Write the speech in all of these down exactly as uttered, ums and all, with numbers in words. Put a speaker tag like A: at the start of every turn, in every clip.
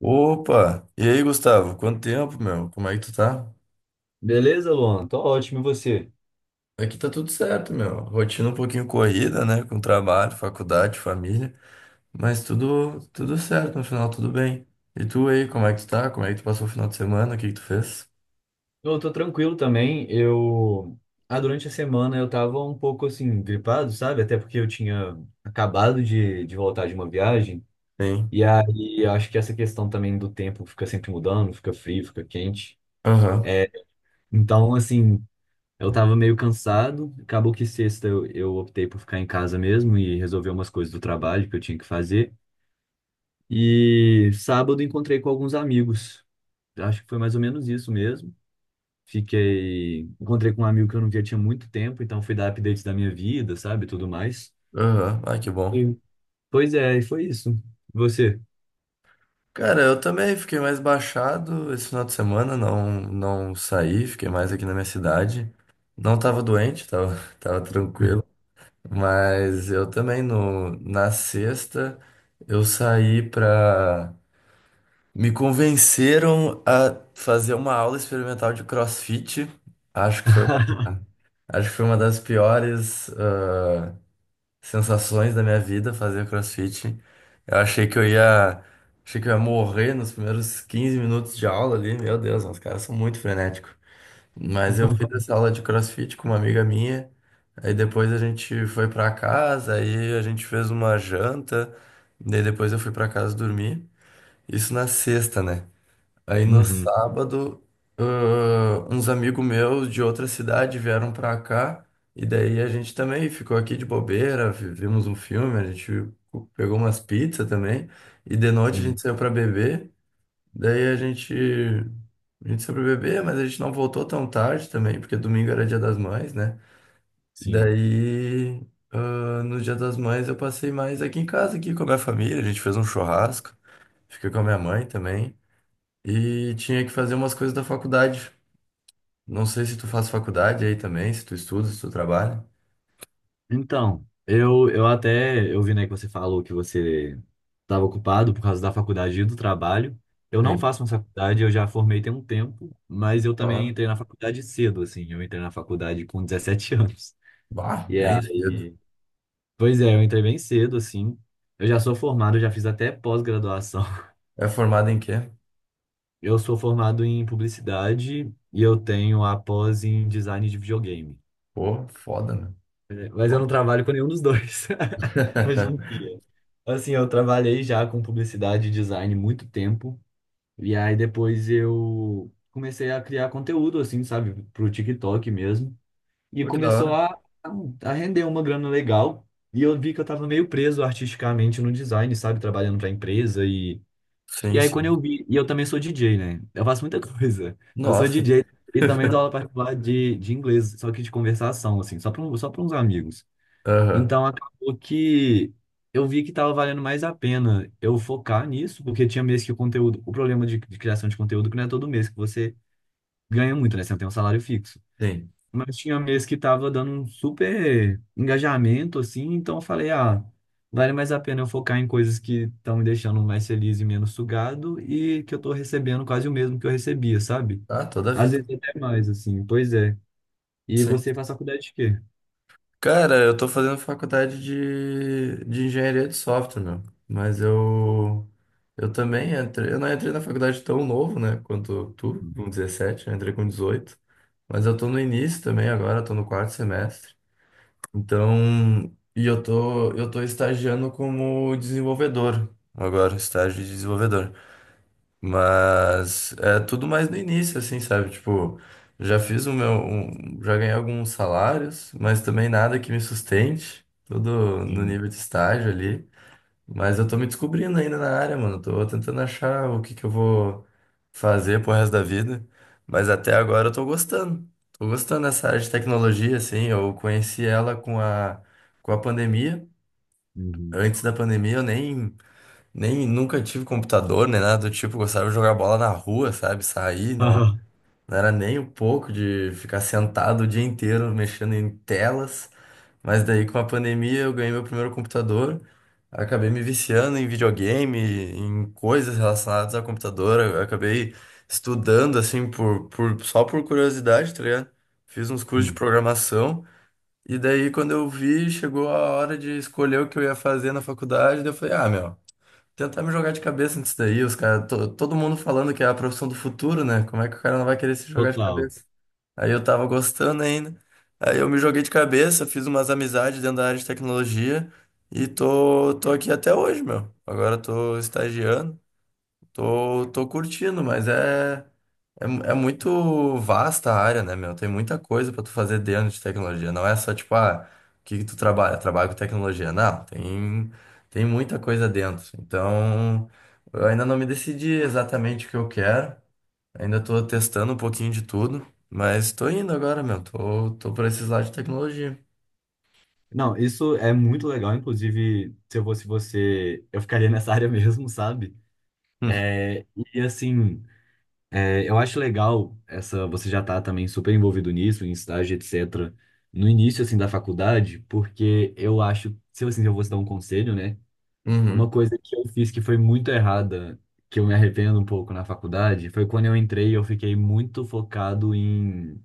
A: Opa! E aí, Gustavo? Quanto tempo, meu? Como é que tu tá?
B: Beleza, Luan? Tô ótimo, e você?
A: Aqui tá tudo certo, meu. Rotina um pouquinho corrida, né? Com trabalho, faculdade, família. Mas tudo, tudo certo, no final tudo bem. E tu aí, como é que tu tá? Como é que tu passou o final de semana? O que que tu fez?
B: Eu tô tranquilo também. Eu, ah, durante a semana eu tava um pouco assim, gripado, sabe? Até porque eu tinha acabado de, de voltar de uma viagem.
A: Sim.
B: E aí acho que essa questão também do tempo fica sempre mudando, fica frio, fica quente.
A: Aham.
B: É, então, assim, eu tava meio cansado. Acabou que sexta eu, eu optei por ficar em casa mesmo e resolver umas coisas do trabalho que eu tinha que fazer. E sábado encontrei com alguns amigos. Acho que foi mais ou menos isso mesmo. Fiquei, encontrei com um amigo que eu não via tinha muito tempo, então fui dar updates da minha vida, sabe, tudo mais.
A: Aham. Ai, que bom.
B: Sim. Pois é, e foi isso. Você?
A: Cara, eu também fiquei mais baixado esse final de semana. Não, não saí, fiquei mais aqui na minha cidade. Não tava doente, tava, tava tranquilo. Mas eu também no, na sexta eu saí pra. Me convenceram a fazer uma aula experimental de CrossFit. Acho que foi uma, acho que foi uma das piores ah, sensações da minha vida fazer CrossFit. Eu achei que eu ia, achei que eu ia morrer nos primeiros quinze minutos de aula ali. Meu Deus, os caras são muito frenéticos. Mas eu fiz essa aula de CrossFit com uma amiga minha. Aí depois a gente foi pra casa, aí a gente fez uma janta, daí depois eu fui pra casa dormir. Isso na sexta, né? Aí no
B: Uhum,
A: sábado, ãh, uns amigos meus de outra cidade vieram pra cá, e daí a gente também ficou aqui de bobeira, vi- vimos um filme, a gente pegou umas pizzas também, e de noite a gente
B: sim,
A: saiu pra beber. Daí a gente, a gente foi pro bebê, mas a gente não voltou tão tarde também, porque domingo era dia das mães, né?
B: sim.
A: Daí, ah, no dia das mães eu passei mais aqui em casa, aqui com a minha família, a gente fez um churrasco, fiquei com a minha mãe também, e tinha que fazer umas coisas da faculdade. Não sei se tu faz faculdade aí também, se tu estuda, se tu trabalha.
B: Então, eu, eu até, eu vi, né, que você falou que você estava ocupado por causa da faculdade e do trabalho. Eu não
A: Sim.
B: faço uma faculdade, eu já formei tem um tempo, mas eu também
A: Ah,
B: entrei na faculdade cedo, assim. Eu entrei na faculdade com dezessete anos.
A: bah,
B: E
A: bem cedo.
B: aí, Pois é, eu entrei bem cedo, assim. Eu já sou formado, já fiz até pós-graduação.
A: É formado em quê?
B: Eu sou formado em publicidade e eu tenho a pós em design de videogame.
A: Pô, foda, né?
B: Mas eu não
A: Foda.
B: trabalho com nenhum dos dois hoje em dia. Assim, eu trabalhei já com publicidade e design muito tempo. E aí depois eu comecei a criar conteúdo, assim, sabe, pro TikTok mesmo. E
A: Pô, que da
B: começou
A: hora.
B: a, a render uma grana legal. E eu vi que eu tava meio preso artisticamente no design, sabe, trabalhando pra empresa. E
A: Sim,
B: aí, quando
A: sim.
B: eu vi, e eu também sou D J, né? Eu faço muita coisa. Eu sou
A: Nossa.
B: D J e também dou aula particular de, de inglês, só que de conversação, assim, só para só para uns amigos.
A: Aham.
B: Então, acabou que eu vi que estava valendo mais a pena eu focar nisso, porque tinha mês que o conteúdo, o problema de, de criação de conteúdo é que não é todo mês que você ganha muito, né? Você não tem um salário fixo.
A: Sim.
B: Mas tinha mês que tava dando um super engajamento, assim, então eu falei, ah, vale mais a pena eu focar em coisas que estão me deixando mais feliz e menos sugado e que eu tô recebendo quase o mesmo que eu recebia, sabe?
A: Ah, toda a
B: Às
A: vida.
B: vezes até mais, assim, pois é. E
A: Sim.
B: você faz faculdade de quê?
A: Cara, eu tô fazendo faculdade de, de engenharia de software, meu. Mas eu, eu também entrei. Eu não entrei na faculdade tão novo, né? Quanto tu, com dezessete eu entrei com dezoito. Mas eu tô no início também agora, tô no quarto semestre. Então, e eu tô, eu tô estagiando como desenvolvedor agora, estágio de desenvolvedor. Mas é tudo mais no início, assim, sabe? Tipo, já fiz o meu. um- já ganhei alguns salários, mas também nada que me sustente. Tudo no
B: Sim.
A: nível de estágio ali. Mas eu tô me descobrindo ainda na área, mano. Tô tentando achar o que que eu vou fazer pro resto da vida. Mas até agora eu tô gostando. Tô gostando dessa área de tecnologia, assim. Eu conheci ela com a, com a pandemia.
B: Uhum.
A: Antes da pandemia eu nem. Nem nunca tive computador, nem nada do tipo, gostava de jogar bola na rua, sabe? Sair, não, não era nem um pouco de ficar sentado o dia inteiro mexendo em telas. Mas daí com a pandemia eu ganhei meu primeiro computador, acabei me viciando em videogame, em coisas relacionadas ao computador, eu acabei estudando assim por, por só por curiosidade, tá ligado? Fiz uns cursos de
B: Sim,
A: programação e daí quando eu vi, chegou a hora de escolher o que eu ia fazer na faculdade, daí eu falei, ah, meu, tentar me jogar de cabeça nisso daí, os caras, todo mundo falando que é a profissão do futuro, né? Como é que o cara não vai querer se jogar de
B: total.
A: cabeça? Aí eu tava gostando ainda. Aí eu me joguei de cabeça, fiz umas amizades dentro da área de tecnologia e tô, tô aqui até hoje, meu. Agora eu tô estagiando. Tô, tô curtindo, mas é, é, é muito vasta a área, né, meu? Tem muita coisa pra tu fazer dentro de tecnologia. Não é só tipo, ah, o que que tu trabalha? Trabalho com tecnologia. Não, tem, tem muita coisa dentro. Então, eu ainda não me decidi exatamente o que eu quero. Ainda tô testando um pouquinho de tudo, mas tô indo agora, meu. Tô, tô por esses lados de tecnologia.
B: Não, isso é muito legal, inclusive, se eu fosse você, eu ficaria nessa área mesmo, sabe? É, e assim. É, Eu acho legal essa, você já tá também super envolvido nisso, em estágio, etcétera. No início assim da faculdade, porque eu acho, se eu, assim, eu vou te dar um conselho, né?
A: Hum.
B: Uma
A: Uhum,
B: coisa que eu fiz que foi muito errada, que eu me arrependo um pouco na faculdade, foi quando eu entrei, eu fiquei muito focado em,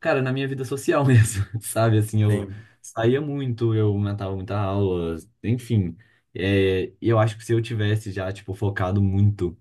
B: cara, na minha vida social mesmo, sabe? Assim, eu
A: sim.
B: saía muito, eu matava muita aula, enfim. É, e eu acho que se eu tivesse já, tipo, focado muito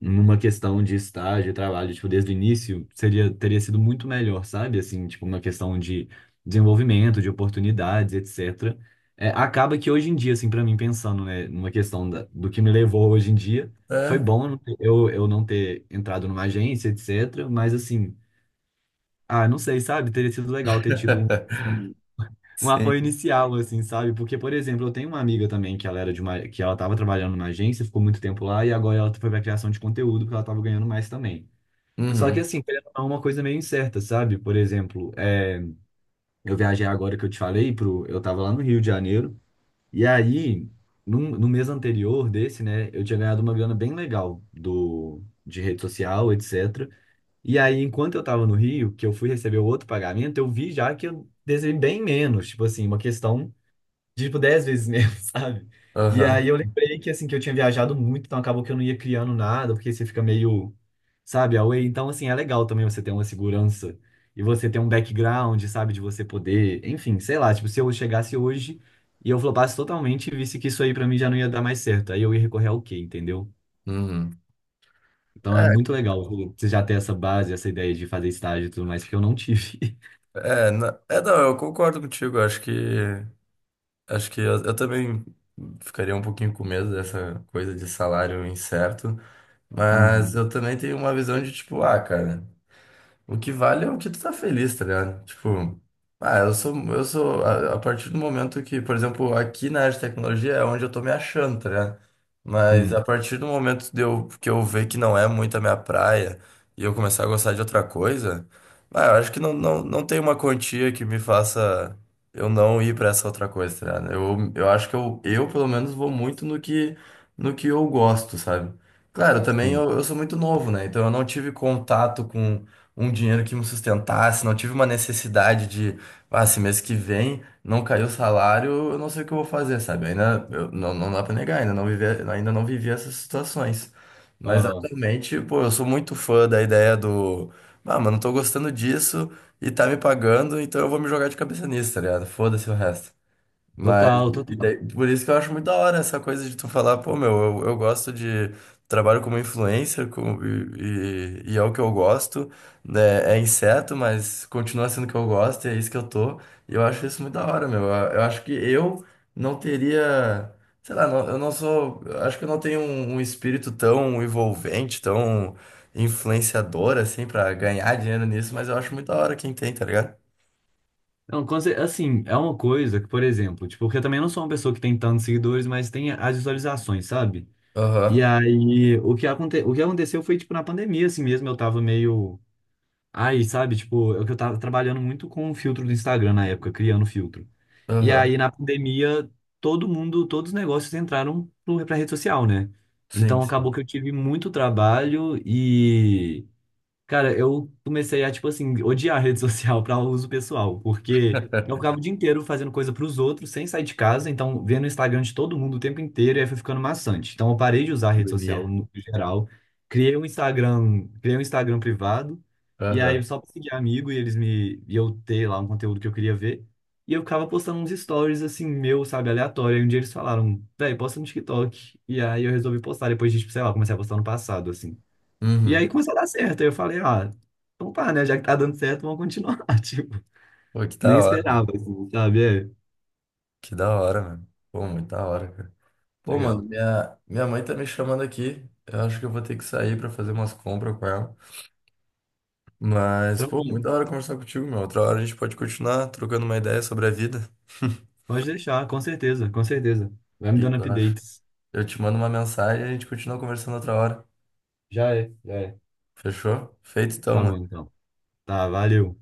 B: numa questão de estágio, trabalho, tipo, desde o início, seria, teria sido muito melhor, sabe? Assim, tipo, uma questão de desenvolvimento, de oportunidades, etcétera. É, acaba que hoje em dia, assim, para mim, pensando, né, numa questão da, do que me levou hoje em dia, foi
A: É,
B: bom eu, eu não ter entrado numa agência, etcétera. Mas, assim, ah, não sei, sabe? Teria sido legal ter tido um. um um apoio
A: sim.
B: inicial, assim, sabe? Porque, por exemplo, eu tenho uma amiga também que ela era de uma, que ela estava trabalhando numa agência, ficou muito tempo lá e agora ela foi para criação de conteúdo porque ela estava ganhando mais também. Só que
A: Uhum,
B: assim, querendo ou não, é uma coisa meio incerta, sabe? Por exemplo, é, eu viajei agora que eu te falei pro, eu estava lá no Rio de Janeiro e aí num- no, mês anterior desse, né, eu tinha ganhado uma grana bem legal do de rede social, etcétera. E aí, enquanto eu estava no Rio, que eu fui receber o outro pagamento, eu vi já que eu recebi bem menos, tipo assim, uma questão de, tipo, dez vezes mesmo, sabe? E
A: aham.
B: aí eu lembrei que, assim, que eu tinha viajado muito, então acabou que eu não ia criando nada, porque você fica meio, sabe, away. Então, assim, é legal também você ter uma segurança e você ter um background, sabe, de você poder, enfim, sei lá, tipo, se eu chegasse hoje e eu flopasse totalmente e visse que isso aí pra mim já não ia dar mais certo, aí eu ia recorrer ao quê, entendeu?
A: Uhum.
B: Então é
A: É,
B: muito legal você já ter essa base, essa ideia de fazer estágio e tudo mais, que eu não tive.
A: É, na- é, não, eu concordo contigo. Acho que acho que eu, eu também ficaria um pouquinho com medo dessa coisa de salário incerto, mas
B: Uhum.
A: eu também tenho uma visão de tipo, ah, cara. O que vale é o que tu tá feliz, tá ligado? Tipo, ah, eu sou, eu sou, a, a partir do momento que, por exemplo, aqui na área de tecnologia é onde eu tô me achando, tá ligado? Mas
B: Sim,
A: a partir do momento de eu, que eu ver que não é muito a minha praia e eu começar a gostar de outra coisa, ah, eu acho que não, não, não tem uma quantia que me faça eu não ir pra essa outra coisa, tá ligado? Eu, eu acho que eu, eu, pelo menos, vou muito no que, no que eu gosto, sabe? Claro, também
B: sim.
A: eu, eu sou muito novo, né? Então eu não tive contato com um dinheiro que me sustentasse, não tive uma necessidade de, ah, esse mês que vem não caiu o salário, eu não sei o que eu vou fazer, sabe? Ainda eu- não, não dá pra negar, ainda não vivi, ainda não vivi essas situações. Mas
B: Aham.
A: atualmente, pô, eu sou muito fã da ideia do, ah, mano, tô gostando disso e tá me pagando, então eu vou me jogar de cabeça nisso, tá ligado? Foda-se o resto. Mas,
B: Total,
A: e
B: total.
A: daí- por isso que eu acho muito da hora essa coisa de tu falar, pô, meu, eu, eu gosto de. Trabalho como influencer com, e, e, e é o que eu gosto, né? É inseto, mas continua sendo o que eu gosto, e é isso que eu tô. E eu acho isso muito da hora, meu. Eu, eu acho que eu não teria. Sei lá, não- eu não sou. Eu Acho que eu não tenho um, um espírito tão envolvente, tão influenciador, assim, pra ganhar dinheiro nisso, mas eu acho muito da hora quem tem, tá ligado?
B: Não, com cer- assim, é uma coisa que, por exemplo, tipo, porque eu também não sou uma pessoa que tem tantos seguidores, mas tem as visualizações, sabe? E
A: Aham,
B: aí, o que, aconte, o que aconteceu foi, tipo, na pandemia, assim mesmo, eu tava meio. Aí, sabe, tipo, eu, que eu tava trabalhando muito com o filtro do Instagram na época, criando filtro. E
A: aham,
B: aí, na pandemia, todo mundo, todos os negócios entraram pro- pra rede social, né?
A: sim,
B: Então,
A: sim.
B: acabou que eu tive muito trabalho e cara, eu comecei a, tipo assim, odiar a rede social para uso pessoal, porque eu ficava o dia inteiro fazendo coisa pros outros, sem sair de casa, então vendo o Instagram de todo mundo o tempo inteiro, e aí foi ficando maçante. Então eu parei de usar a rede social
A: Agonia.
B: no geral, criei um Instagram, criei um Instagram privado, e aí
A: Aham.
B: só pra seguir amigo, e eles me, e eu ter lá um conteúdo que eu queria ver, e eu ficava postando uns stories, assim, meu, sabe, aleatório, e um dia eles falaram, véi, posta no TikTok, e aí eu resolvi postar, depois de, tipo, sei lá, comecei a postar no passado, assim. E aí
A: Uhum.
B: começou a dar certo. Aí eu falei, ah, então pá, né? Já que tá dando certo, vamos continuar. Tipo,
A: Pô, que
B: nem
A: da hora.
B: esperava, assim, sabe? É,
A: Que da hora, mano. Pô, muito da hora, cara. Pô, mano,
B: legal.
A: minha, minha mãe tá me chamando aqui. Eu acho que eu vou ter que sair pra fazer umas compras com ela. Mas, pô,
B: Tranquilo.
A: muito da hora conversar contigo, meu. Outra hora a gente pode continuar trocando uma ideia sobre a vida.
B: Pode deixar, com certeza, com certeza. Vai
A: O
B: me
A: que que
B: dando
A: tu acha?
B: updates.
A: Eu te mando uma mensagem e a gente continua conversando outra hora.
B: Já é, já é.
A: Fechou? Feito então,
B: Tá bom,
A: mano.
B: então. Tá, valeu.